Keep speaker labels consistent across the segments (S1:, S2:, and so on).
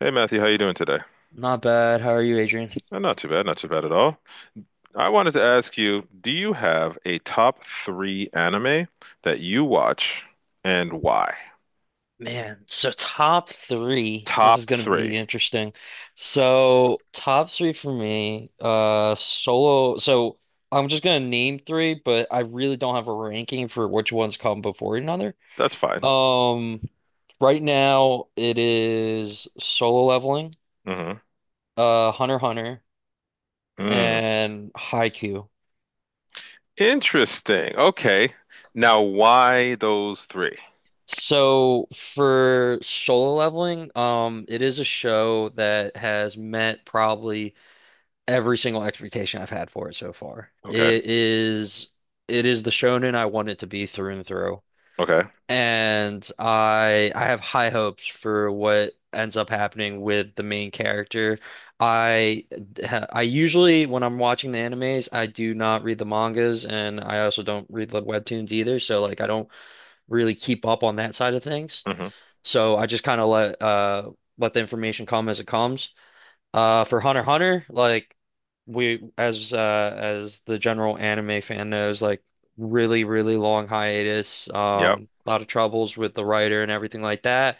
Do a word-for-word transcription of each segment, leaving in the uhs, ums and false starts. S1: Hey Matthew, how you doing today?
S2: Not bad. How are you, Adrian?
S1: Uh, not too bad, not too bad at all. I wanted to ask you, do you have a top three anime that you watch and why?
S2: Man, so top three. This is
S1: Top
S2: going to
S1: three.
S2: be interesting. So, top three for me, uh, solo. So, I'm just going to name three, but I really don't have a ranking for which ones come before another.
S1: That's fine.
S2: Um, right now it is solo leveling,
S1: Hmm.
S2: uh, Hunter x Hunter,
S1: Mm.
S2: and Haikyuu.
S1: Interesting. Okay. Now, why those three?
S2: So for solo leveling, um, it is a show that has met probably every single expectation I've had for it so far.
S1: Okay.
S2: It is it is the shonen I want it to be through and through.
S1: Okay.
S2: And I I have high hopes for what ends up happening with the main character. I I usually when I'm watching the animes, I do not read the mangas and I also don't read the webtoons either, so like I don't really keep up on that side of things.
S1: Hmm.
S2: So I just kind of let uh let the information come as it comes. Uh, for Hunter x Hunter, like we as uh as the general anime fan knows, like really, really long hiatus,
S1: Yep.
S2: um, a lot of troubles with the writer and everything like that.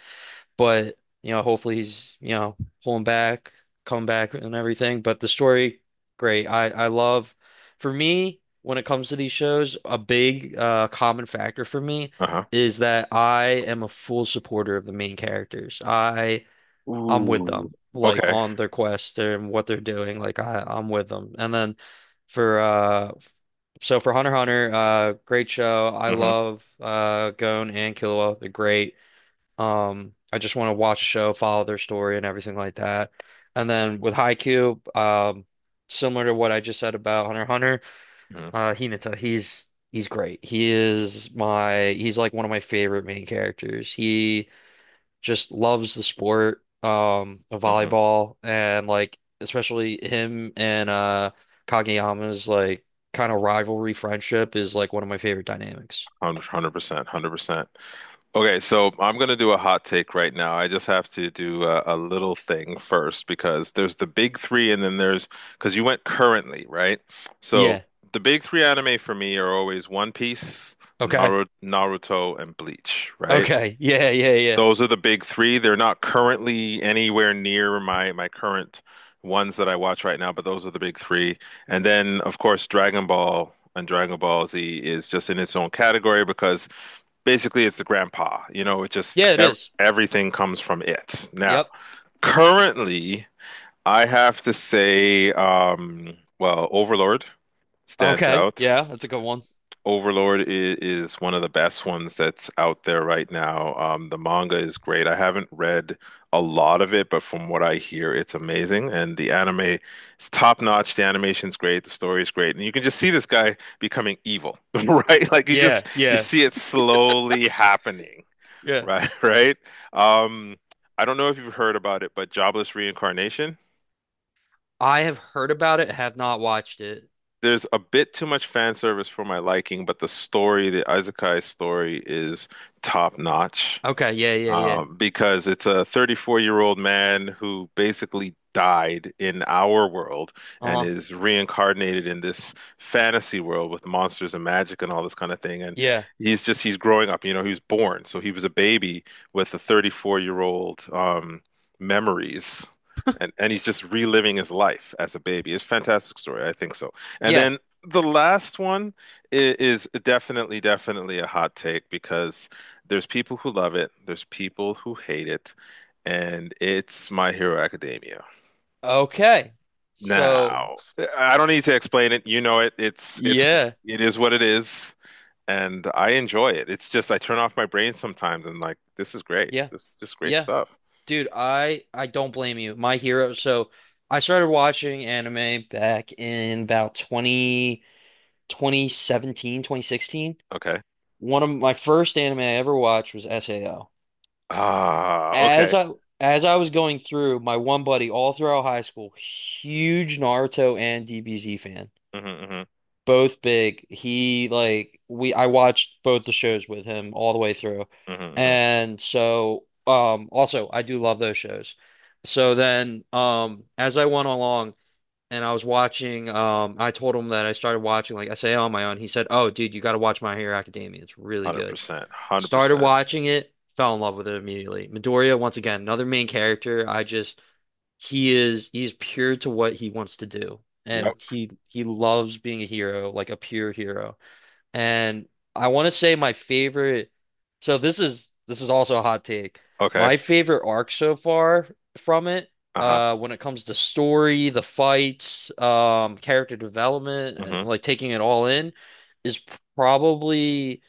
S2: But you know, hopefully he's you know pulling back, come back and everything. But the story, great. I I love. For me, when it comes to these shows, a big uh common factor for me
S1: Uh-huh.
S2: is that I am a full supporter of the main characters. I I'm with
S1: Ooh.
S2: them, like
S1: Okay.
S2: on their quest and what they're doing. Like I, I'm with them. And then for uh, so for Hunter x Hunter, uh, great show. I
S1: Hmm.
S2: love uh, Gon and Killua. They're great. Um, I just want to watch a show, follow their story and everything like that. And then with Haikyuu, um, similar to what I just said about Hunter x Hunter,
S1: Hmm.
S2: uh, Hinata, he's he's great. He is my he's like one of my favorite main characters. He just loves the sport um of
S1: Hmm.
S2: volleyball, and like especially him and uh Kageyama's like kind of rivalry friendship is like one of my favorite dynamics.
S1: one hundred percent, one hundred percent. Okay, so I'm going to do a hot take right now. I just have to do a, a little thing first because there's the big three, and then there's because you went currently, right? So
S2: Yeah.
S1: the big three anime for me are always One Piece,
S2: Okay.
S1: Naru Naruto, and Bleach, right?
S2: Okay. Yeah, yeah, yeah.
S1: Those are the big three. They're not currently anywhere near my my current ones that I watch right now, but those are the big three. And then, of course, Dragon Ball and Dragon Ball Z is just in its own category because basically it's the grandpa you know It just
S2: Yeah, it
S1: ev-
S2: is.
S1: everything comes from it now,
S2: Yep.
S1: currently. I have to say, um well, Overlord stands
S2: Okay.
S1: out.
S2: Yeah, that's a good one.
S1: Overlord is, is one of the best ones that's out there right now. Um the manga is great. I haven't read a lot of it, but from what I hear it's amazing, and the anime is top notch. The animation's great, the story is great, and you can just see this guy becoming evil, right, like you
S2: Yeah,
S1: just you
S2: yeah,
S1: see it slowly happening.
S2: yeah.
S1: Right, right. Um, I don't know if you've heard about it, but Jobless Reincarnation.
S2: I have heard about it, have not watched it.
S1: There's a bit too much fan service for my liking, but the story, the Isekai story, is top notch.
S2: Okay, yeah, yeah, yeah.
S1: um, because it's a thirty-four-year-old-year-old man who basically died in our world and
S2: Uh-huh.
S1: is reincarnated in this fantasy world with monsters and magic and all this kind of thing. And
S2: Yeah.
S1: he's just he's growing up. You know, he was born, so he was a baby with the thirty-four-year-old-year-old, um, memories. And, and he's just reliving his life as a baby. It's a fantastic story, I think so. And
S2: Yeah.
S1: then the last one i- is definitely, definitely a hot take, because there's people who love it, there's people who hate it, and it's My Hero Academia.
S2: Okay. So,
S1: Now, I don't need to explain it. You know it. It's it's
S2: yeah.
S1: it is what it is, and I enjoy it. It's just I turn off my brain sometimes and, like, this is great.
S2: Yeah.
S1: This is just great
S2: Yeah.
S1: stuff.
S2: Dude, I I don't blame you. My Hero. So I started watching anime back in about twenty twenty seventeen, twenty sixteen.
S1: Okay.
S2: One of my first anime I ever watched was S A O.
S1: Ah, okay.
S2: As I as I was going through, my one buddy all throughout high school, huge Naruto and D B Z fan.
S1: Mm-hmm.
S2: Both big. He like we I watched both the shows with him all the way through.
S1: Hmm. Hmm.
S2: And so um also I do love those shows. So then um as I went along, and I was watching um I told him that I started watching, like I say, on my own. He said, "Oh dude, you got to watch My Hero Academia. It's really good."
S1: one hundred percent.
S2: Started
S1: one hundred percent.
S2: watching it, fell in love with it immediately. Midoriya, once again, another main character. I just he is he's pure to what he wants to do,
S1: Yep.
S2: and he he loves being a hero, like a pure hero. And I want to say my favorite, so this is this is also a hot take.
S1: Okay.
S2: My favorite arc so far from it,
S1: Uh-huh.
S2: uh when it comes to story, the fights, um character development,
S1: Hmm.
S2: uh, like taking it all in, is probably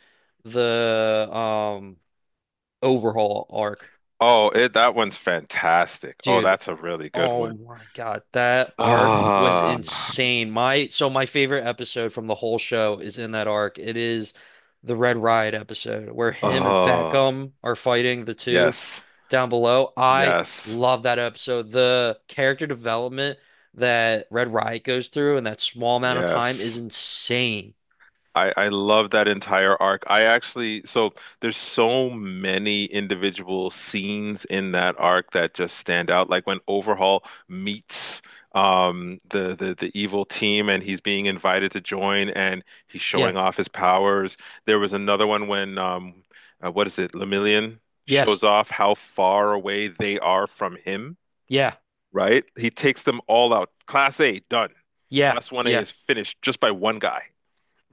S2: the um overhaul arc.
S1: Oh, it that one's fantastic. Oh,
S2: Dude.
S1: that's a really good
S2: Oh
S1: one.
S2: my God, that arc was
S1: Ah,
S2: insane. My so my favorite episode from the whole show is in that arc. It is the Red Riot episode where him and Fat
S1: oh,
S2: Gum are fighting the two
S1: yes.
S2: down below. I
S1: Yes.
S2: love that episode. The character development that Red Riot goes through in that small amount of time is
S1: Yes.
S2: insane.
S1: I, I love that entire arc. I actually, so there's so many individual scenes in that arc that just stand out. Like when Overhaul meets um the, the the evil team and he's being invited to join and he's
S2: Yeah.
S1: showing off his powers. There was another one when um uh, what is it, Lemillion
S2: Yes.
S1: shows off how far away they are from him,
S2: Yeah.
S1: right? He takes them all out. Class A, done.
S2: Yeah.
S1: Class one A
S2: Yeah.
S1: is finished just by one guy.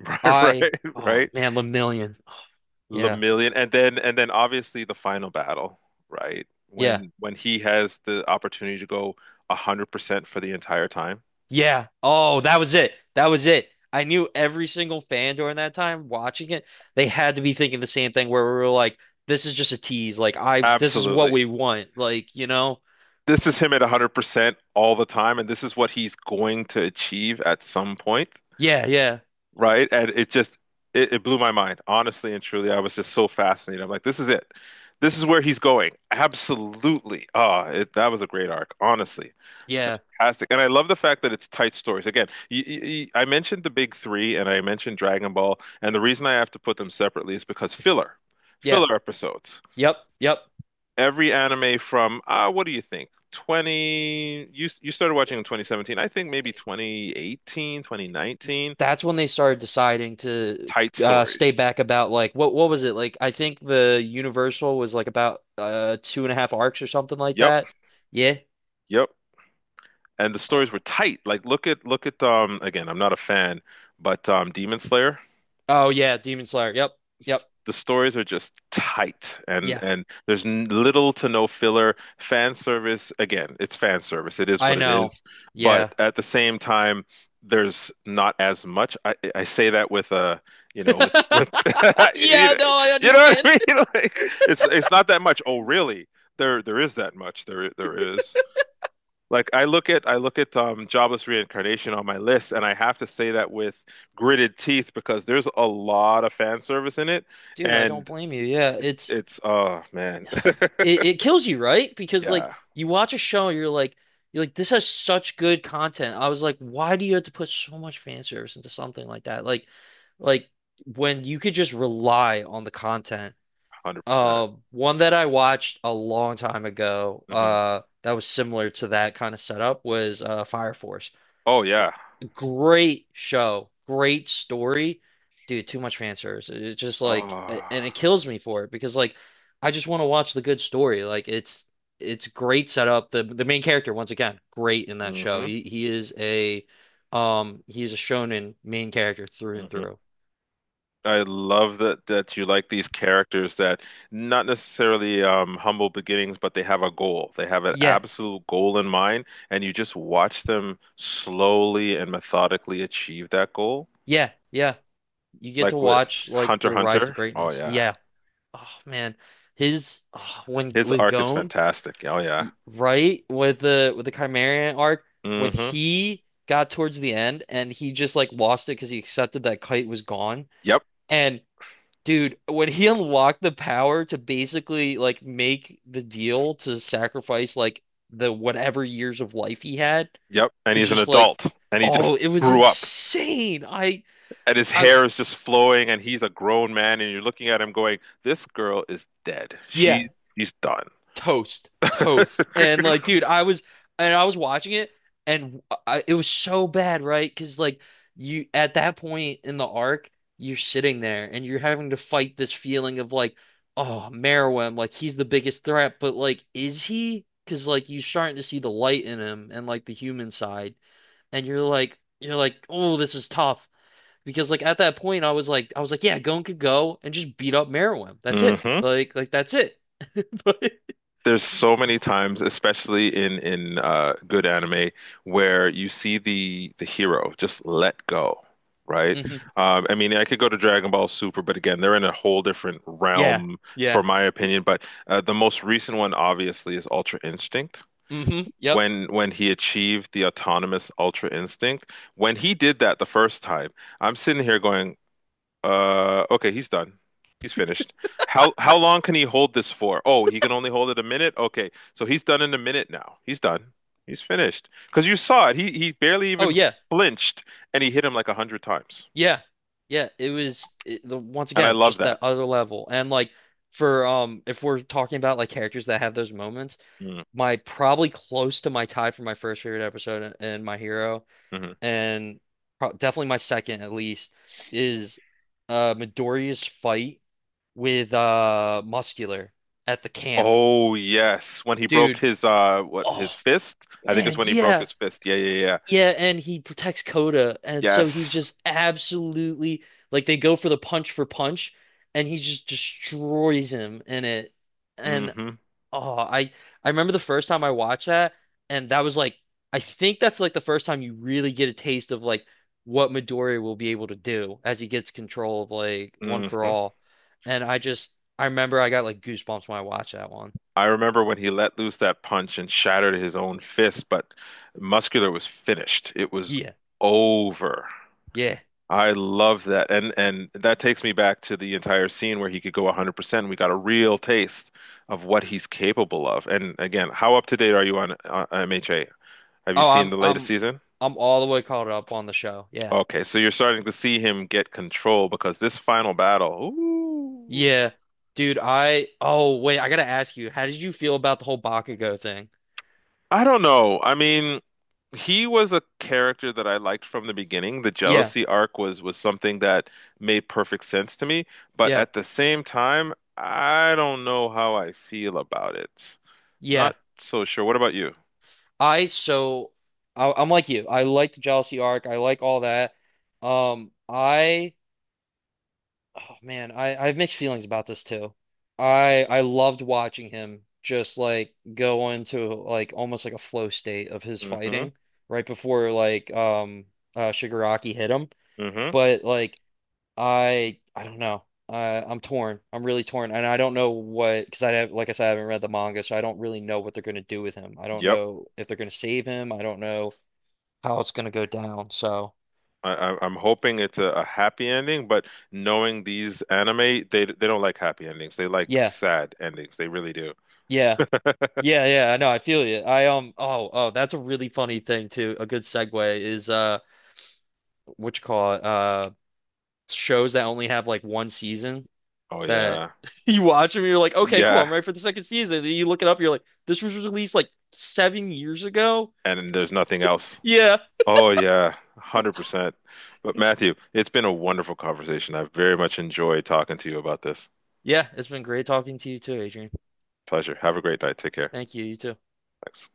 S1: Right,
S2: I
S1: right,
S2: oh
S1: right.
S2: man, Lemillion. Yeah.
S1: Lamillion. And then and then obviously, the final battle, right?
S2: Yeah.
S1: When when he has the opportunity to go one hundred percent for the entire time.
S2: Yeah. Oh, that was it. That was it. I knew every single fan during that time watching it, they had to be thinking the same thing where we were like, this is just a tease. Like I this is what
S1: Absolutely.
S2: we want. Like, you know?
S1: This is him at one hundred percent all the time, and this is what he's going to achieve at some point.
S2: Yeah, yeah,
S1: Right? And it just it, it blew my mind. Honestly and truly, I was just so fascinated. I'm like, this is it. This is where he's going. Absolutely. Ah, it, that was a great arc, honestly.
S2: yeah,
S1: Fantastic. And I love the fact that it's tight stories. Again, y y y- I mentioned the big three and I mentioned Dragon Ball, and the reason I have to put them separately is because filler,
S2: yeah.
S1: filler episodes.
S2: Yep, yep.
S1: Every anime from, ah, what do you think? 20, you, you started watching in twenty seventeen. I think maybe twenty eighteen, twenty nineteen.
S2: That's when they started deciding to
S1: Tight
S2: uh stay
S1: stories.
S2: back about like what what was it? Like I think the Universal was like about uh two and a half arcs or something like
S1: Yep.
S2: that. Yeah.
S1: Yep. And the stories were
S2: Oh,
S1: tight. Like look at look at, um again, I'm not a fan, but um Demon Slayer,
S2: oh yeah, Demon Slayer. Yep. Yep.
S1: the stories are just tight, and
S2: Yeah.
S1: and there's n little to no filler. Fan service, again, it's fan service. It is
S2: I
S1: what it
S2: know.
S1: is.
S2: Yeah.
S1: But at the same time, there's not as much. I I say that with uh you know with with you
S2: Yeah,
S1: know,
S2: no, I
S1: you know what
S2: understand.
S1: I mean? Like it's it's not that much. Oh, really? There there is that much. There there is. Like I look at I look at um, jobless reincarnation on my list, and I have to say that with gritted teeth because there's a lot of fan service in it,
S2: Dude, I don't
S1: and
S2: blame you. Yeah,
S1: it's,
S2: it's
S1: it's oh man,
S2: it, it kills you, right? Because like
S1: yeah,
S2: you watch a show, you're like you're like this has such good content. I was like, why do you have to put so much fan service into something like that? Like like when you could just rely on the content.
S1: one hundred percent.
S2: Uh, one that I watched a long time ago,
S1: Hmm.
S2: uh, that was similar to that kind of setup was uh Fire Force.
S1: Oh yeah,
S2: Great show, great story. Dude, too much fan service. It's just like, and it
S1: oh,
S2: kills me for it because like, I just want to watch the good story. Like it's it's great setup. The the main character, once again, great in that show.
S1: hmm,
S2: He he is a um he's a shonen main character through and
S1: hmm.
S2: through.
S1: I love that that you like these characters that, not necessarily, um, humble beginnings, but they have a goal. They have an
S2: Yeah,
S1: absolute goal in mind, and you just watch them slowly and methodically achieve that goal.
S2: yeah, yeah. You get to
S1: Like with
S2: watch like
S1: Hunter x
S2: their rise to
S1: Hunter. Oh
S2: greatness.
S1: yeah,
S2: Yeah. Oh man, his oh, when
S1: his
S2: with
S1: arc is
S2: Gon.
S1: fantastic. Oh yeah.
S2: y- right with the with the Chimerian arc, when
S1: Hmm.
S2: he got towards the end and he just like lost it because he accepted that Kite was gone.
S1: Yep.
S2: And dude, when he unlocked the power to basically like make the deal to sacrifice like the whatever years of life he had
S1: Yep. And
S2: to
S1: he's an
S2: just like,
S1: adult, and he
S2: oh,
S1: just
S2: it was
S1: grew up,
S2: insane. I
S1: and his
S2: I
S1: hair is just flowing, and he's a grown man, and you're looking at him going, "This girl is dead.
S2: yeah.
S1: She she's done."
S2: Toast, toast. And like, dude, I was and I was watching it, and I, it was so bad, right? Because like you, at that point in the arc, you're sitting there and you're having to fight this feeling of like, oh, Meruem, like he's the biggest threat, but like, is he? Because like you're starting to see the light in him and like the human side, and you're like, you're like, oh, this is tough. Because like at that point, I was like, I was like, yeah, Gon could go and just beat up Meruem. That's it.
S1: Hmm.
S2: Like, like that's it. But
S1: There's so many times, especially in in uh, good anime, where you see the the hero just let go, right?
S2: Mhm.
S1: Um, I mean, I could go to Dragon Ball Super, but again, they're in a whole different
S2: Yeah.
S1: realm, for
S2: Yeah.
S1: my opinion. But uh, the most recent one, obviously, is Ultra Instinct.
S2: Mm-hmm. Yep.
S1: When when he achieved the autonomous Ultra Instinct, when he did that the first time, I'm sitting here going, uh, okay, he's done. He's finished. How how long can he hold this for? Oh, he can only hold it a minute. Okay, so he's done in a minute now. He's done. He's finished. Because you saw it. He he barely
S2: Oh
S1: even
S2: yeah.
S1: flinched, and he hit him like a hundred times.
S2: Yeah. Yeah. It was it, the once
S1: And I
S2: again
S1: love
S2: just
S1: that.
S2: that other level. And like for um if we're talking about like characters that have those moments,
S1: Mm,
S2: my probably close to my tie for my first favorite episode and, and My Hero,
S1: mhm.
S2: and pro definitely my second at least, is uh Midoriya's fight with uh Muscular at the camp.
S1: Oh yes, when he broke
S2: Dude,
S1: his uh what, his
S2: oh
S1: fist? I think it's
S2: man,
S1: when he broke
S2: yeah.
S1: his fist. Yeah, yeah, yeah.
S2: Yeah, and he protects Coda, and so he's
S1: Yes.
S2: just absolutely like they go for the punch for punch, and he just destroys him in it. And
S1: Hmm.
S2: oh, I I remember the first time I watched that, and that was like I think that's like the first time you really get a taste of like what Midoriya will be able to do as he gets control of like One For
S1: Hmm.
S2: All. And I just I remember I got like goosebumps when I watched that one.
S1: I remember when he let loose that punch and shattered his own fist, but Muscular was finished. It was
S2: Yeah,
S1: over.
S2: yeah.
S1: I love that. And and that takes me back to the entire scene where he could go one hundred percent. We got a real taste of what he's capable of. And again, how up to date are you on uh, M H A? Have you
S2: Oh,
S1: seen
S2: I'm
S1: the latest
S2: I'm
S1: season?
S2: I'm all the way caught up on the show. Yeah.
S1: Okay, so you're starting to see him get control, because this final battle, ooh.
S2: Yeah. Dude, I oh wait, I gotta ask you, how did you feel about the whole Bakugo thing?
S1: I don't know. I mean, he was a character that I liked from the beginning. The
S2: Yeah,
S1: jealousy arc was was something that made perfect sense to me, but
S2: yeah,
S1: at the same time, I don't know how I feel about it.
S2: yeah.
S1: Not so sure. What about you?
S2: I so I, I'm like you. I like the jealousy arc. I like all that. Um, I oh man, I I have mixed feelings about this too. I I loved watching him just like go into like almost like a flow state of his
S1: Mm-hmm.
S2: fighting right before like um uh Shigaraki hit him.
S1: Mm-hmm.
S2: But like I I don't know. Uh, I'm torn. I'm really torn, and I don't know what because I have, like I said, I haven't read the manga, so I don't really know what they're going to do with him. I don't
S1: Yep.
S2: know if they're going to save him. I don't know how it's going to go down. So
S1: I, I, I'm hoping it's a, a happy ending, but knowing these anime, they they don't like happy endings. They like
S2: yeah,
S1: sad endings. They really do.
S2: yeah, yeah, yeah. I know. I feel you. I um. Oh, oh, that's a really funny thing too. A good segue is uh, what you call it? Uh, shows that only have like one season
S1: Oh
S2: that
S1: yeah.
S2: you watch them, you're like, okay, cool.
S1: Yeah.
S2: I'm ready for the second season. Then you look it up, you're like, this was released like seven years ago.
S1: And there's nothing else.
S2: Yeah,
S1: Oh yeah, one hundred percent. But Matthew, it's been a wonderful conversation. I've very much enjoyed talking to you about this.
S2: yeah, it's been great talking to you too, Adrian.
S1: Pleasure. Have a great night. Take care.
S2: Thank you. You too.
S1: Thanks.